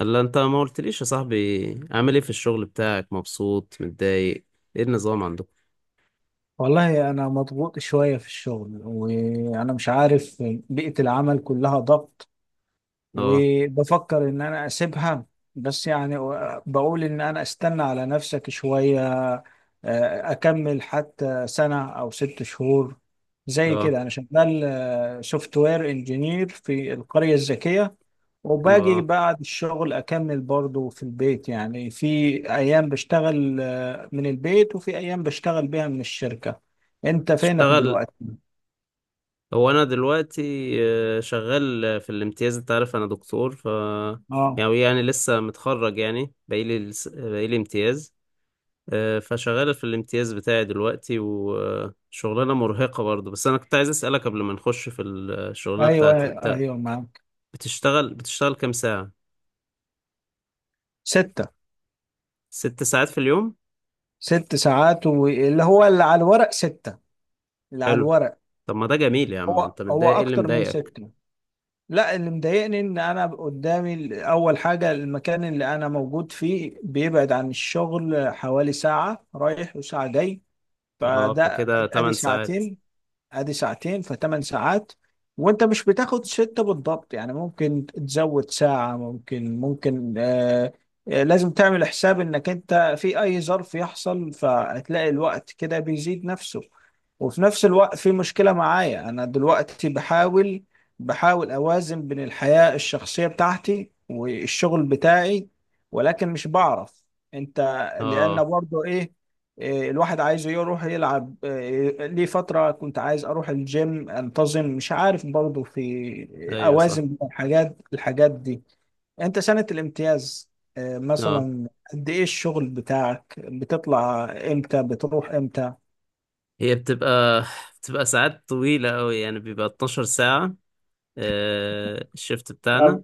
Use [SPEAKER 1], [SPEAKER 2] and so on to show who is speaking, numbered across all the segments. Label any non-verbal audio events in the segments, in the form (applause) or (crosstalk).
[SPEAKER 1] الا انت ما قلتليش يا صاحبي. عامل ايه في الشغل بتاعك؟ مبسوط متضايق؟ ايه النظام عندكم؟
[SPEAKER 2] والله أنا مضغوط شوية في الشغل وأنا مش عارف. بيئة العمل كلها ضغط،
[SPEAKER 1] اه.
[SPEAKER 2] وبفكر ان انا اسيبها. بس يعني بقول ان انا استنى على نفسك شوية. اكمل حتى سنة او 6 شهور. زي
[SPEAKER 1] اه.
[SPEAKER 2] كده انا شغال سوفت وير انجينير في القرية الذكية،
[SPEAKER 1] حلو، اه.
[SPEAKER 2] وباجي بعد الشغل اكمل برضو في البيت. يعني في ايام بشتغل من البيت، وفي ايام بشتغل بيها من الشركة. انت فينك
[SPEAKER 1] تشتغل؟
[SPEAKER 2] دلوقتي؟
[SPEAKER 1] هو انا دلوقتي شغال في الامتياز. انت عارف انا دكتور ف
[SPEAKER 2] اه.
[SPEAKER 1] يعني لسه متخرج يعني، بقيلي امتياز. فشغال في الامتياز بتاعي دلوقتي، وشغلانة مرهقة برضه. بس انا كنت عايز اسألك قبل ما نخش في الشغلانة
[SPEAKER 2] ايوه،
[SPEAKER 1] بتاعتي انت،
[SPEAKER 2] ايوه معاك.
[SPEAKER 1] بتشتغل كام ساعة؟
[SPEAKER 2] ستة.
[SPEAKER 1] ست ساعات في اليوم؟
[SPEAKER 2] 6 ساعات، واللي هو اللي على الورق ستة. اللي على
[SPEAKER 1] حلو.
[SPEAKER 2] الورق.
[SPEAKER 1] طب ما ده جميل يا عم.
[SPEAKER 2] هو
[SPEAKER 1] انت
[SPEAKER 2] هو
[SPEAKER 1] متضايق؟ ايه اللي
[SPEAKER 2] أكتر من
[SPEAKER 1] مضايقك؟
[SPEAKER 2] ستة. لا، اللي مضايقني إن أنا قدامي أول حاجة المكان اللي أنا موجود فيه بيبعد عن الشغل حوالي ساعة رايح وساعة جاي،
[SPEAKER 1] اه،
[SPEAKER 2] فده
[SPEAKER 1] فكده
[SPEAKER 2] أدي
[SPEAKER 1] 8 ساعات.
[SPEAKER 2] ساعتين، ادي ساعتين فثمان ساعات. وانت مش بتاخد ستة بالضبط، يعني ممكن تزود ساعة، ممكن ممكن لازم تعمل حساب انك انت في اي ظرف يحصل، فهتلاقي الوقت كده بيزيد نفسه. وفي نفس الوقت في مشكلة معايا، انا دلوقتي بحاول اوازن بين الحياة الشخصية بتاعتي والشغل بتاعي، ولكن مش بعرف. انت.
[SPEAKER 1] اه.
[SPEAKER 2] لان برضو ايه، الواحد عايز يروح يلعب، ليه فترة كنت عايز أروح الجيم أنتظم، مش عارف برضه في
[SPEAKER 1] ايوه صح.
[SPEAKER 2] أوازن بين الحاجات دي. أنت سنة الامتياز،
[SPEAKER 1] اه.
[SPEAKER 2] مثلا قد إيه الشغل بتاعك؟ بتطلع إمتى؟ بتروح إمتى؟
[SPEAKER 1] هي بتبقى ساعات طويلة قوي، يعني بيبقى 12 ساعة. الشفت
[SPEAKER 2] أو-
[SPEAKER 1] بتاعنا.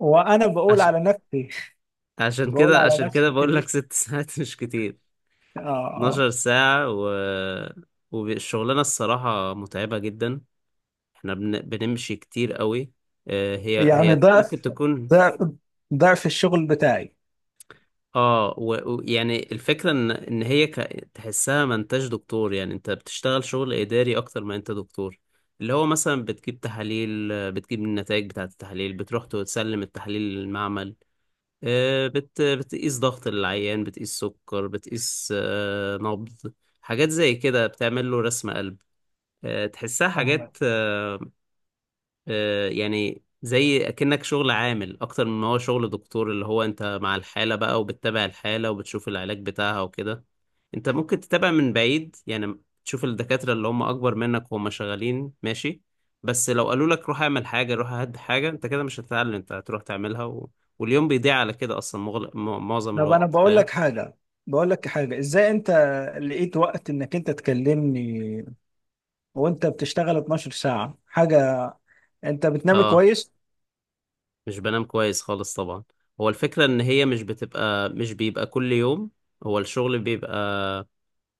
[SPEAKER 2] وأنا بقول
[SPEAKER 1] عشان
[SPEAKER 2] على نفسي (laughs)
[SPEAKER 1] عشان
[SPEAKER 2] بقول
[SPEAKER 1] كده
[SPEAKER 2] على
[SPEAKER 1] عشان كده
[SPEAKER 2] نفسي
[SPEAKER 1] بقول لك
[SPEAKER 2] كبير.
[SPEAKER 1] ست (laughs) ساعات مش كتير.
[SPEAKER 2] آه آه
[SPEAKER 1] 12 ساعة، والشغلانة الصراحة متعبة جدا. احنا بنمشي كتير قوي. هي
[SPEAKER 2] يعني
[SPEAKER 1] هي ممكن
[SPEAKER 2] ضعف،
[SPEAKER 1] تكون.
[SPEAKER 2] ضعف ضعف الشغل بتاعي.
[SPEAKER 1] اه، ويعني الفكرة ان هي تحسها ما انتش دكتور، يعني انت بتشتغل شغل اداري اكتر ما انت دكتور. اللي هو مثلا بتجيب تحاليل، بتجيب النتائج بتاعة التحاليل، بتروح تسلم التحاليل للمعمل. بتقيس ضغط العيان، بتقيس سكر، بتقيس نبض، حاجات زي كده. بتعمل له رسم قلب. تحسها
[SPEAKER 2] فاهمك.
[SPEAKER 1] حاجات. يعني زي اكنك شغل عامل اكتر من ما هو شغل دكتور. اللي هو انت مع الحالة بقى، وبتتابع الحالة وبتشوف العلاج بتاعها وكده. انت ممكن تتابع من بعيد، يعني تشوف الدكاترة اللي هم اكبر منك وهم شغالين ماشي. بس لو قالوا لك روح اعمل حاجة، روح هد حاجة، انت كده مش هتتعلم. انت هتروح تعملها واليوم بيضيع على كده اصلا، معظم
[SPEAKER 2] طب انا
[SPEAKER 1] الوقت،
[SPEAKER 2] بقول
[SPEAKER 1] فاهم؟
[SPEAKER 2] لك حاجه، ازاي انت لقيت وقت انك انت تكلمني وانت بتشتغل 12 ساعه؟ حاجه، انت بتنام
[SPEAKER 1] اه.
[SPEAKER 2] كويس؟
[SPEAKER 1] مش بنام كويس خالص طبعا. هو الفكرة ان هي مش بتبقى، مش بيبقى كل يوم. هو الشغل بيبقى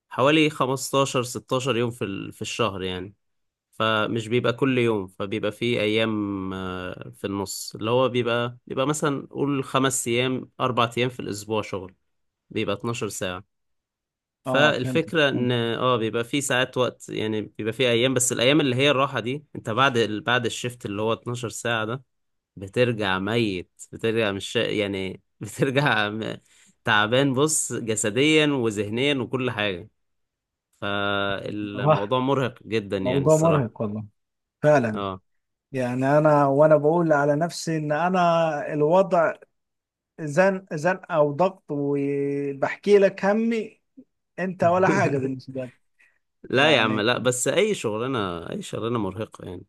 [SPEAKER 1] حوالي 15 16 يوم في في الشهر يعني. فمش بيبقى كل يوم، فبيبقى في ايام، في النص اللي هو بيبقى مثلا، قول خمس ايام اربع ايام في الاسبوع شغل، بيبقى 12 ساعة.
[SPEAKER 2] اه.
[SPEAKER 1] فالفكرة
[SPEAKER 2] فهمت.
[SPEAKER 1] ان بيبقى في ساعات وقت، يعني بيبقى في ايام، بس الايام اللي هي الراحة دي، انت بعد بعد الشفت اللي هو 12 ساعة ده بترجع ميت، بترجع مش يعني (laughs) تعبان. بص جسديا وذهنيا وكل حاجة.
[SPEAKER 2] اه،
[SPEAKER 1] فالموضوع مرهق جدا يعني
[SPEAKER 2] موضوع
[SPEAKER 1] الصراحة.
[SPEAKER 2] مرهق والله، فعلا.
[SPEAKER 1] اه.
[SPEAKER 2] يعني انا وانا بقول على نفسي ان انا الوضع زن زن او ضغط، وبحكي لك همي. انت ولا حاجه
[SPEAKER 1] (laughs)
[SPEAKER 2] بالنسبه لك؟
[SPEAKER 1] لا يا عم،
[SPEAKER 2] يعني
[SPEAKER 1] لا، بس اي شغلانة، اي شغلانة مرهقة يعني.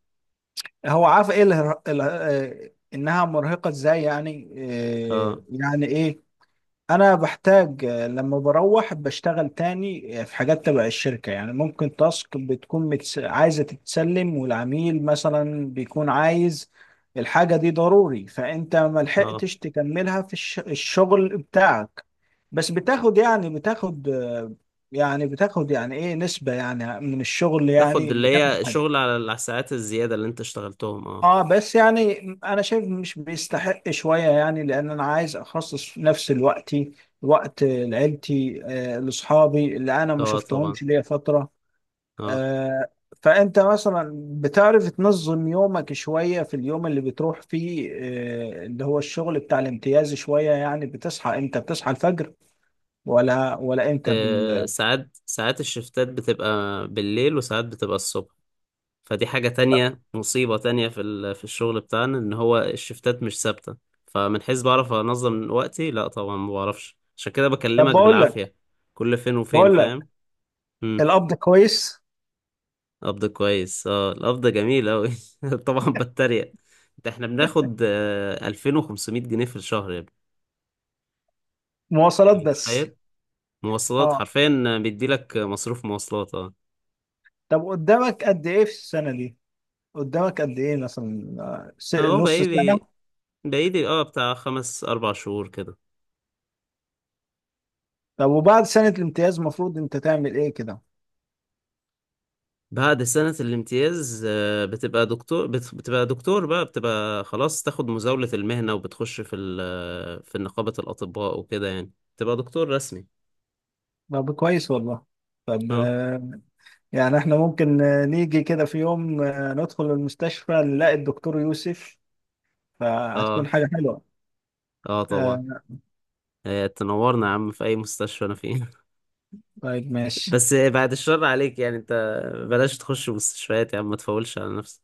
[SPEAKER 2] هو عارف ايه، انها مرهقه ازاي يعني،
[SPEAKER 1] اه.
[SPEAKER 2] يعني ايه. انا بحتاج، لما بروح بشتغل تاني، في حاجات تبع الشركة. يعني ممكن تاسك بتكون عايزة تتسلم، والعميل مثلا بيكون عايز الحاجة دي ضروري، فانت ما
[SPEAKER 1] اه.
[SPEAKER 2] لحقتش تكملها في الشغل بتاعك. بس بتاخد، يعني بتاخد يعني بتاخد يعني ايه نسبة يعني من الشغل؟
[SPEAKER 1] تاخد
[SPEAKER 2] يعني
[SPEAKER 1] اللي
[SPEAKER 2] بتاخد
[SPEAKER 1] هي
[SPEAKER 2] حاجة؟
[SPEAKER 1] شغل على الساعات الزيادة اللي انت اشتغلتهم، اه.
[SPEAKER 2] اه، بس يعني انا شايف مش بيستحق شوية يعني، لان انا عايز اخصص نفس الوقت، وقت لعيلتي، لاصحابي اللي انا ما
[SPEAKER 1] اه طبعا.
[SPEAKER 2] شفتهمش ليا فترة.
[SPEAKER 1] اه.
[SPEAKER 2] آه فانت مثلا بتعرف تنظم يومك شوية في اليوم اللي بتروح فيه، اللي هو الشغل بتاع الامتياز شوية؟ يعني بتصحى امتى؟ بتصحى الفجر ولا امتى
[SPEAKER 1] ساعات الشفتات بتبقى بالليل، وساعات بتبقى الصبح. فدي حاجة تانية، مصيبة تانية في في الشغل بتاعنا، ان هو الشفتات مش ثابتة. فمن حيث بعرف انظم وقتي، لا طبعا، ما بعرفش. عشان كده
[SPEAKER 2] طب
[SPEAKER 1] بكلمك
[SPEAKER 2] بقول لك،
[SPEAKER 1] بالعافية كل فين وفين،
[SPEAKER 2] بقول
[SPEAKER 1] فاهم؟
[SPEAKER 2] لك
[SPEAKER 1] امم.
[SPEAKER 2] القبض كويس؟
[SPEAKER 1] قبض كويس؟ اه، القبض جميل اوي. (laughs) طبعا بتريق. ده احنا بناخد 2500 جنيه في الشهر يا ابني.
[SPEAKER 2] مواصلات
[SPEAKER 1] انت
[SPEAKER 2] بس.
[SPEAKER 1] متخيل؟ مواصلات
[SPEAKER 2] اه،
[SPEAKER 1] حرفيا بيديلك مصروف مواصلات، اه.
[SPEAKER 2] طب قدامك قد ايه في السنة دي؟ قدامك قد ايه، مثلا
[SPEAKER 1] اهو
[SPEAKER 2] نص سنة؟
[SPEAKER 1] بقالي، بقالي اه بتاع خمس اربع شهور كده.
[SPEAKER 2] طب وبعد سنة الامتياز المفروض انت تعمل ايه كده؟
[SPEAKER 1] بعد سنة الامتياز بتبقى دكتور. بتبقى دكتور بقى، بتبقى خلاص. تاخد مزاولة المهنة وبتخش في في نقابة الأطباء وكده يعني. تبقى دكتور رسمي.
[SPEAKER 2] طب كويس والله. طب
[SPEAKER 1] اه.
[SPEAKER 2] يعني احنا ممكن نيجي كده في يوم ندخل المستشفى نلاقي الدكتور يوسف، فهتكون
[SPEAKER 1] اه.
[SPEAKER 2] حاجة حلوة.
[SPEAKER 1] اه طبعا.
[SPEAKER 2] آه،
[SPEAKER 1] تنورنا يا عم في اي مستشفى انا فيه.
[SPEAKER 2] طيب
[SPEAKER 1] (laughs)
[SPEAKER 2] ماشي.
[SPEAKER 1] بس بعد الشر عليك يعني. انت بلاش تخش مستشفيات يا عم، ما تفولش على نفسك.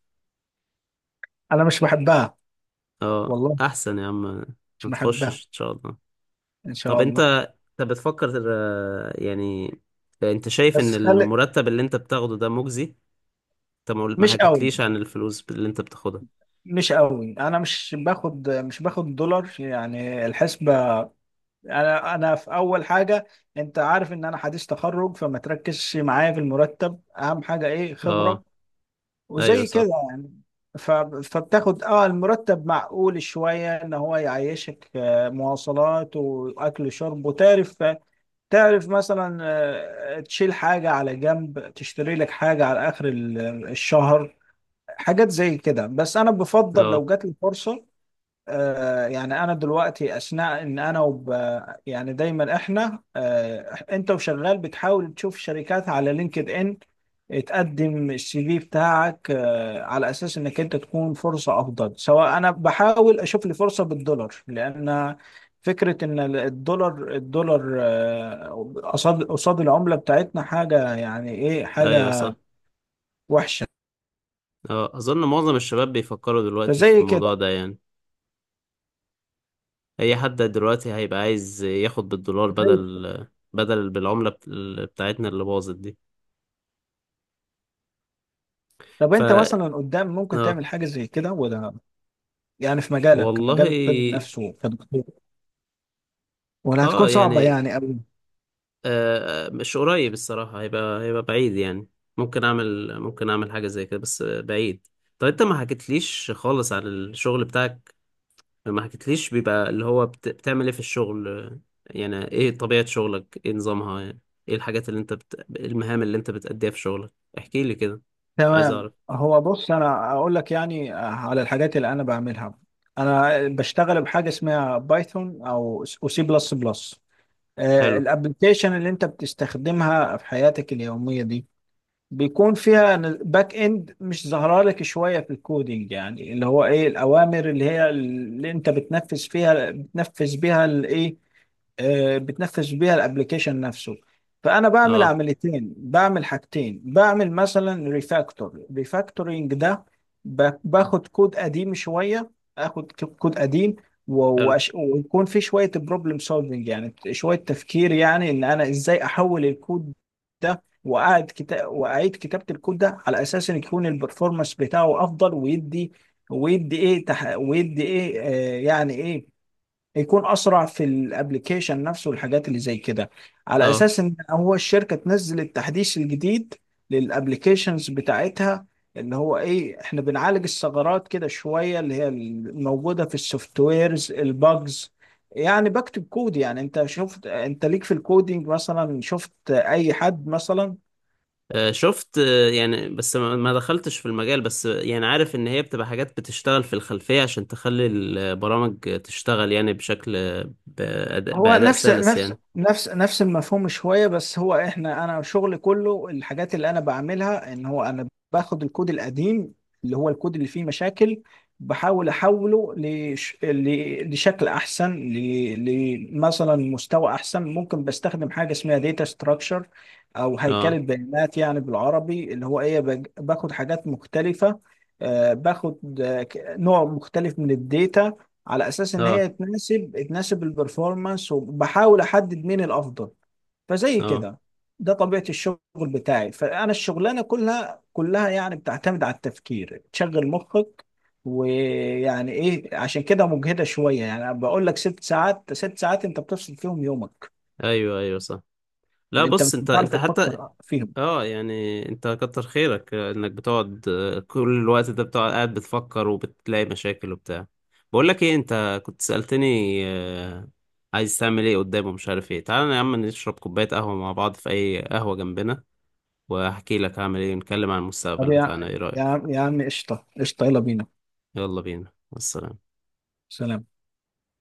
[SPEAKER 2] انا مش بحبها
[SPEAKER 1] اه،
[SPEAKER 2] والله،
[SPEAKER 1] احسن يا عم. ما
[SPEAKER 2] مش بحبها.
[SPEAKER 1] تخشش ان شاء الله.
[SPEAKER 2] ان
[SPEAKER 1] طب
[SPEAKER 2] شاء
[SPEAKER 1] انت،
[SPEAKER 2] الله.
[SPEAKER 1] انت بتفكر يعني، انت شايف ان
[SPEAKER 2] بس خلي.
[SPEAKER 1] المرتب اللي انت بتاخده ده مجزي؟ انت ما
[SPEAKER 2] مش قوي
[SPEAKER 1] حكيتليش عن الفلوس اللي انت بتاخدها.
[SPEAKER 2] مش قوي، انا مش باخد دولار يعني. الحسبة انا، في اول حاجه، انت عارف ان انا حديث تخرج، فما تركزش معايا في المرتب. اهم حاجه ايه؟
[SPEAKER 1] اه.
[SPEAKER 2] خبره،
[SPEAKER 1] ايوه
[SPEAKER 2] وزي
[SPEAKER 1] صح.
[SPEAKER 2] كده يعني. ف... فبتاخد اه المرتب معقول شويه ان هو يعيشك، مواصلات واكل وشرب. وتعرف، مثلا، تشيل حاجه على جنب، تشتري لك حاجه على اخر الشهر. حاجات زي كده. بس انا بفضل
[SPEAKER 1] اه.
[SPEAKER 2] لو جات لي فرصه. يعني انا دلوقتي اثناء ان انا يعني دايما احنا، انت وشغال بتحاول تشوف شركات على لينكد ان، تقدم السي في بتاعك على اساس انك انت تكون فرصة افضل. سواء انا بحاول اشوف لي فرصة بالدولار، لان فكرة ان الدولار، قصاد، العملة بتاعتنا حاجة، يعني ايه،
[SPEAKER 1] ايوه
[SPEAKER 2] حاجة
[SPEAKER 1] صح.
[SPEAKER 2] وحشة.
[SPEAKER 1] اه، اظن معظم الشباب بيفكروا دلوقتي في
[SPEAKER 2] فزي
[SPEAKER 1] الموضوع
[SPEAKER 2] كده،
[SPEAKER 1] ده يعني. اي حد دلوقتي هيبقى عايز ياخد بالدولار،
[SPEAKER 2] زي-
[SPEAKER 1] بدل، بدل بالعملة بتاعتنا اللي باظت دي.
[SPEAKER 2] طب
[SPEAKER 1] ف.
[SPEAKER 2] انت مثلا قدام ممكن
[SPEAKER 1] اه.
[SPEAKER 2] تعمل حاجة زي كده ولا؟ يعني في مجالك،
[SPEAKER 1] والله.
[SPEAKER 2] مجال الطب نفسه، كدكتور، ولا هتكون
[SPEAKER 1] اه
[SPEAKER 2] صعبة
[SPEAKER 1] يعني.
[SPEAKER 2] يعني أوي؟
[SPEAKER 1] آه، مش قريب الصراحة. هيبقى، هيبقى بعيد يعني. ممكن اعمل، ممكن اعمل حاجة زي كده بس بعيد. طب انت ما حكيتليش خالص عن الشغل بتاعك. ما حكيتليش بيبقى اللي هو بتعمل ايه في الشغل؟ يعني ايه طبيعة شغلك؟ ايه نظامها يعني؟ ايه الحاجات اللي انت المهام اللي انت بتأديها في شغلك؟ احكيلي كده. عايز
[SPEAKER 2] تمام.
[SPEAKER 1] اعرف.
[SPEAKER 2] هو بص أنا أقول لك يعني على الحاجات اللي أنا بعملها. أنا بشتغل بحاجة اسمها بايثون أو سي بلس بلس.
[SPEAKER 1] حلو،
[SPEAKER 2] الابلكيشن اللي أنت بتستخدمها في حياتك اليومية دي بيكون فيها باك اند مش ظاهره لك شويه في الكودينج. يعني اللي هو ايه، الاوامر اللي هي اللي انت بتنفذ فيها، بتنفذ بيها الايه، بتنفذ بيها الابلكيشن نفسه. فانا بعمل
[SPEAKER 1] اه.
[SPEAKER 2] عمليتين، بعمل حاجتين، بعمل مثلا ريفاكتور، ريفاكتورينج ده باخد كود قديم شويه، كود قديم.
[SPEAKER 1] حلو،
[SPEAKER 2] ويكون في شويه بروبلم سولفنج، يعني شويه تفكير، يعني ان انا ازاي احول الكود ده. واعد كتاب واعيد كتابه الكود ده، على اساس ان يكون البرفورمانس بتاعه افضل. ويدي ايه، ويدي ايه يعني ايه، يكون اسرع في الابليكيشن نفسه، والحاجات اللي زي كده. على
[SPEAKER 1] اه.
[SPEAKER 2] اساس ان هو الشركه تنزل التحديث الجديد للابليكيشنز بتاعتها. اللي هو ايه، احنا بنعالج الثغرات كده شويه، اللي هي الموجوده في السوفت ويرز، الباجز. يعني بكتب كود. يعني انت شفت؟ انت ليك في الكودينج مثلا؟ شفت اي حد مثلا؟
[SPEAKER 1] شفت، يعني، بس ما دخلتش في المجال. بس يعني عارف ان هي بتبقى حاجات بتشتغل في الخلفية عشان تخلي البرامج تشتغل يعني بشكل بأداء,
[SPEAKER 2] هو
[SPEAKER 1] بأداء سلس يعني.
[SPEAKER 2] نفس المفهوم شوية. بس هو احنا انا شغلي كله، الحاجات اللي انا بعملها، ان هو انا باخد الكود القديم، اللي هو الكود اللي فيه مشاكل، بحاول احوله لشكل احسن، لمثلا مستوى احسن. ممكن بستخدم حاجة اسمها داتا ستراكشر، او هيكلة
[SPEAKER 1] اه.
[SPEAKER 2] بيانات يعني بالعربي. اللي هو ايه، باخد حاجات مختلفة، باخد نوع مختلف من الداتا، على اساس ان
[SPEAKER 1] اه.
[SPEAKER 2] هي تناسب البرفورمانس، وبحاول احدد مين الافضل. فزي
[SPEAKER 1] اه.
[SPEAKER 2] كده. ده طبيعة الشغل بتاعي. فانا الشغلانة كلها كلها يعني بتعتمد على التفكير، تشغل مخك. ويعني ايه، عشان كده مجهدة شوية. يعني أنا بقول لك ست ساعات، ست ساعات انت بتفصل فيهم يومك،
[SPEAKER 1] ايوه، ايوه، صح. لا،
[SPEAKER 2] انت
[SPEAKER 1] بص
[SPEAKER 2] مش
[SPEAKER 1] انت
[SPEAKER 2] هتعرف
[SPEAKER 1] حتى.
[SPEAKER 2] تفكر فيهم.
[SPEAKER 1] اه، يعني انت كتر خيرك انك بتقعد، كل الوقت ده بتقعد قاعد بتفكر وبتلاقي مشاكل وبتاع. بقول لك ايه، انت كنت سألتني آه، عايز تعمل ايه قدام ومش عارف ايه. تعالى يا عم نشرب كوباية قهوة مع بعض في اي قهوة جنبنا، واحكي لك هعمل ايه ونتكلم عن
[SPEAKER 2] طب
[SPEAKER 1] المستقبل
[SPEAKER 2] يا،
[SPEAKER 1] بتاعنا، ايه رأيك؟
[SPEAKER 2] عم، قشطة قشطة، يلا بينا.
[SPEAKER 1] يلا بينا والسلام.
[SPEAKER 2] سلام.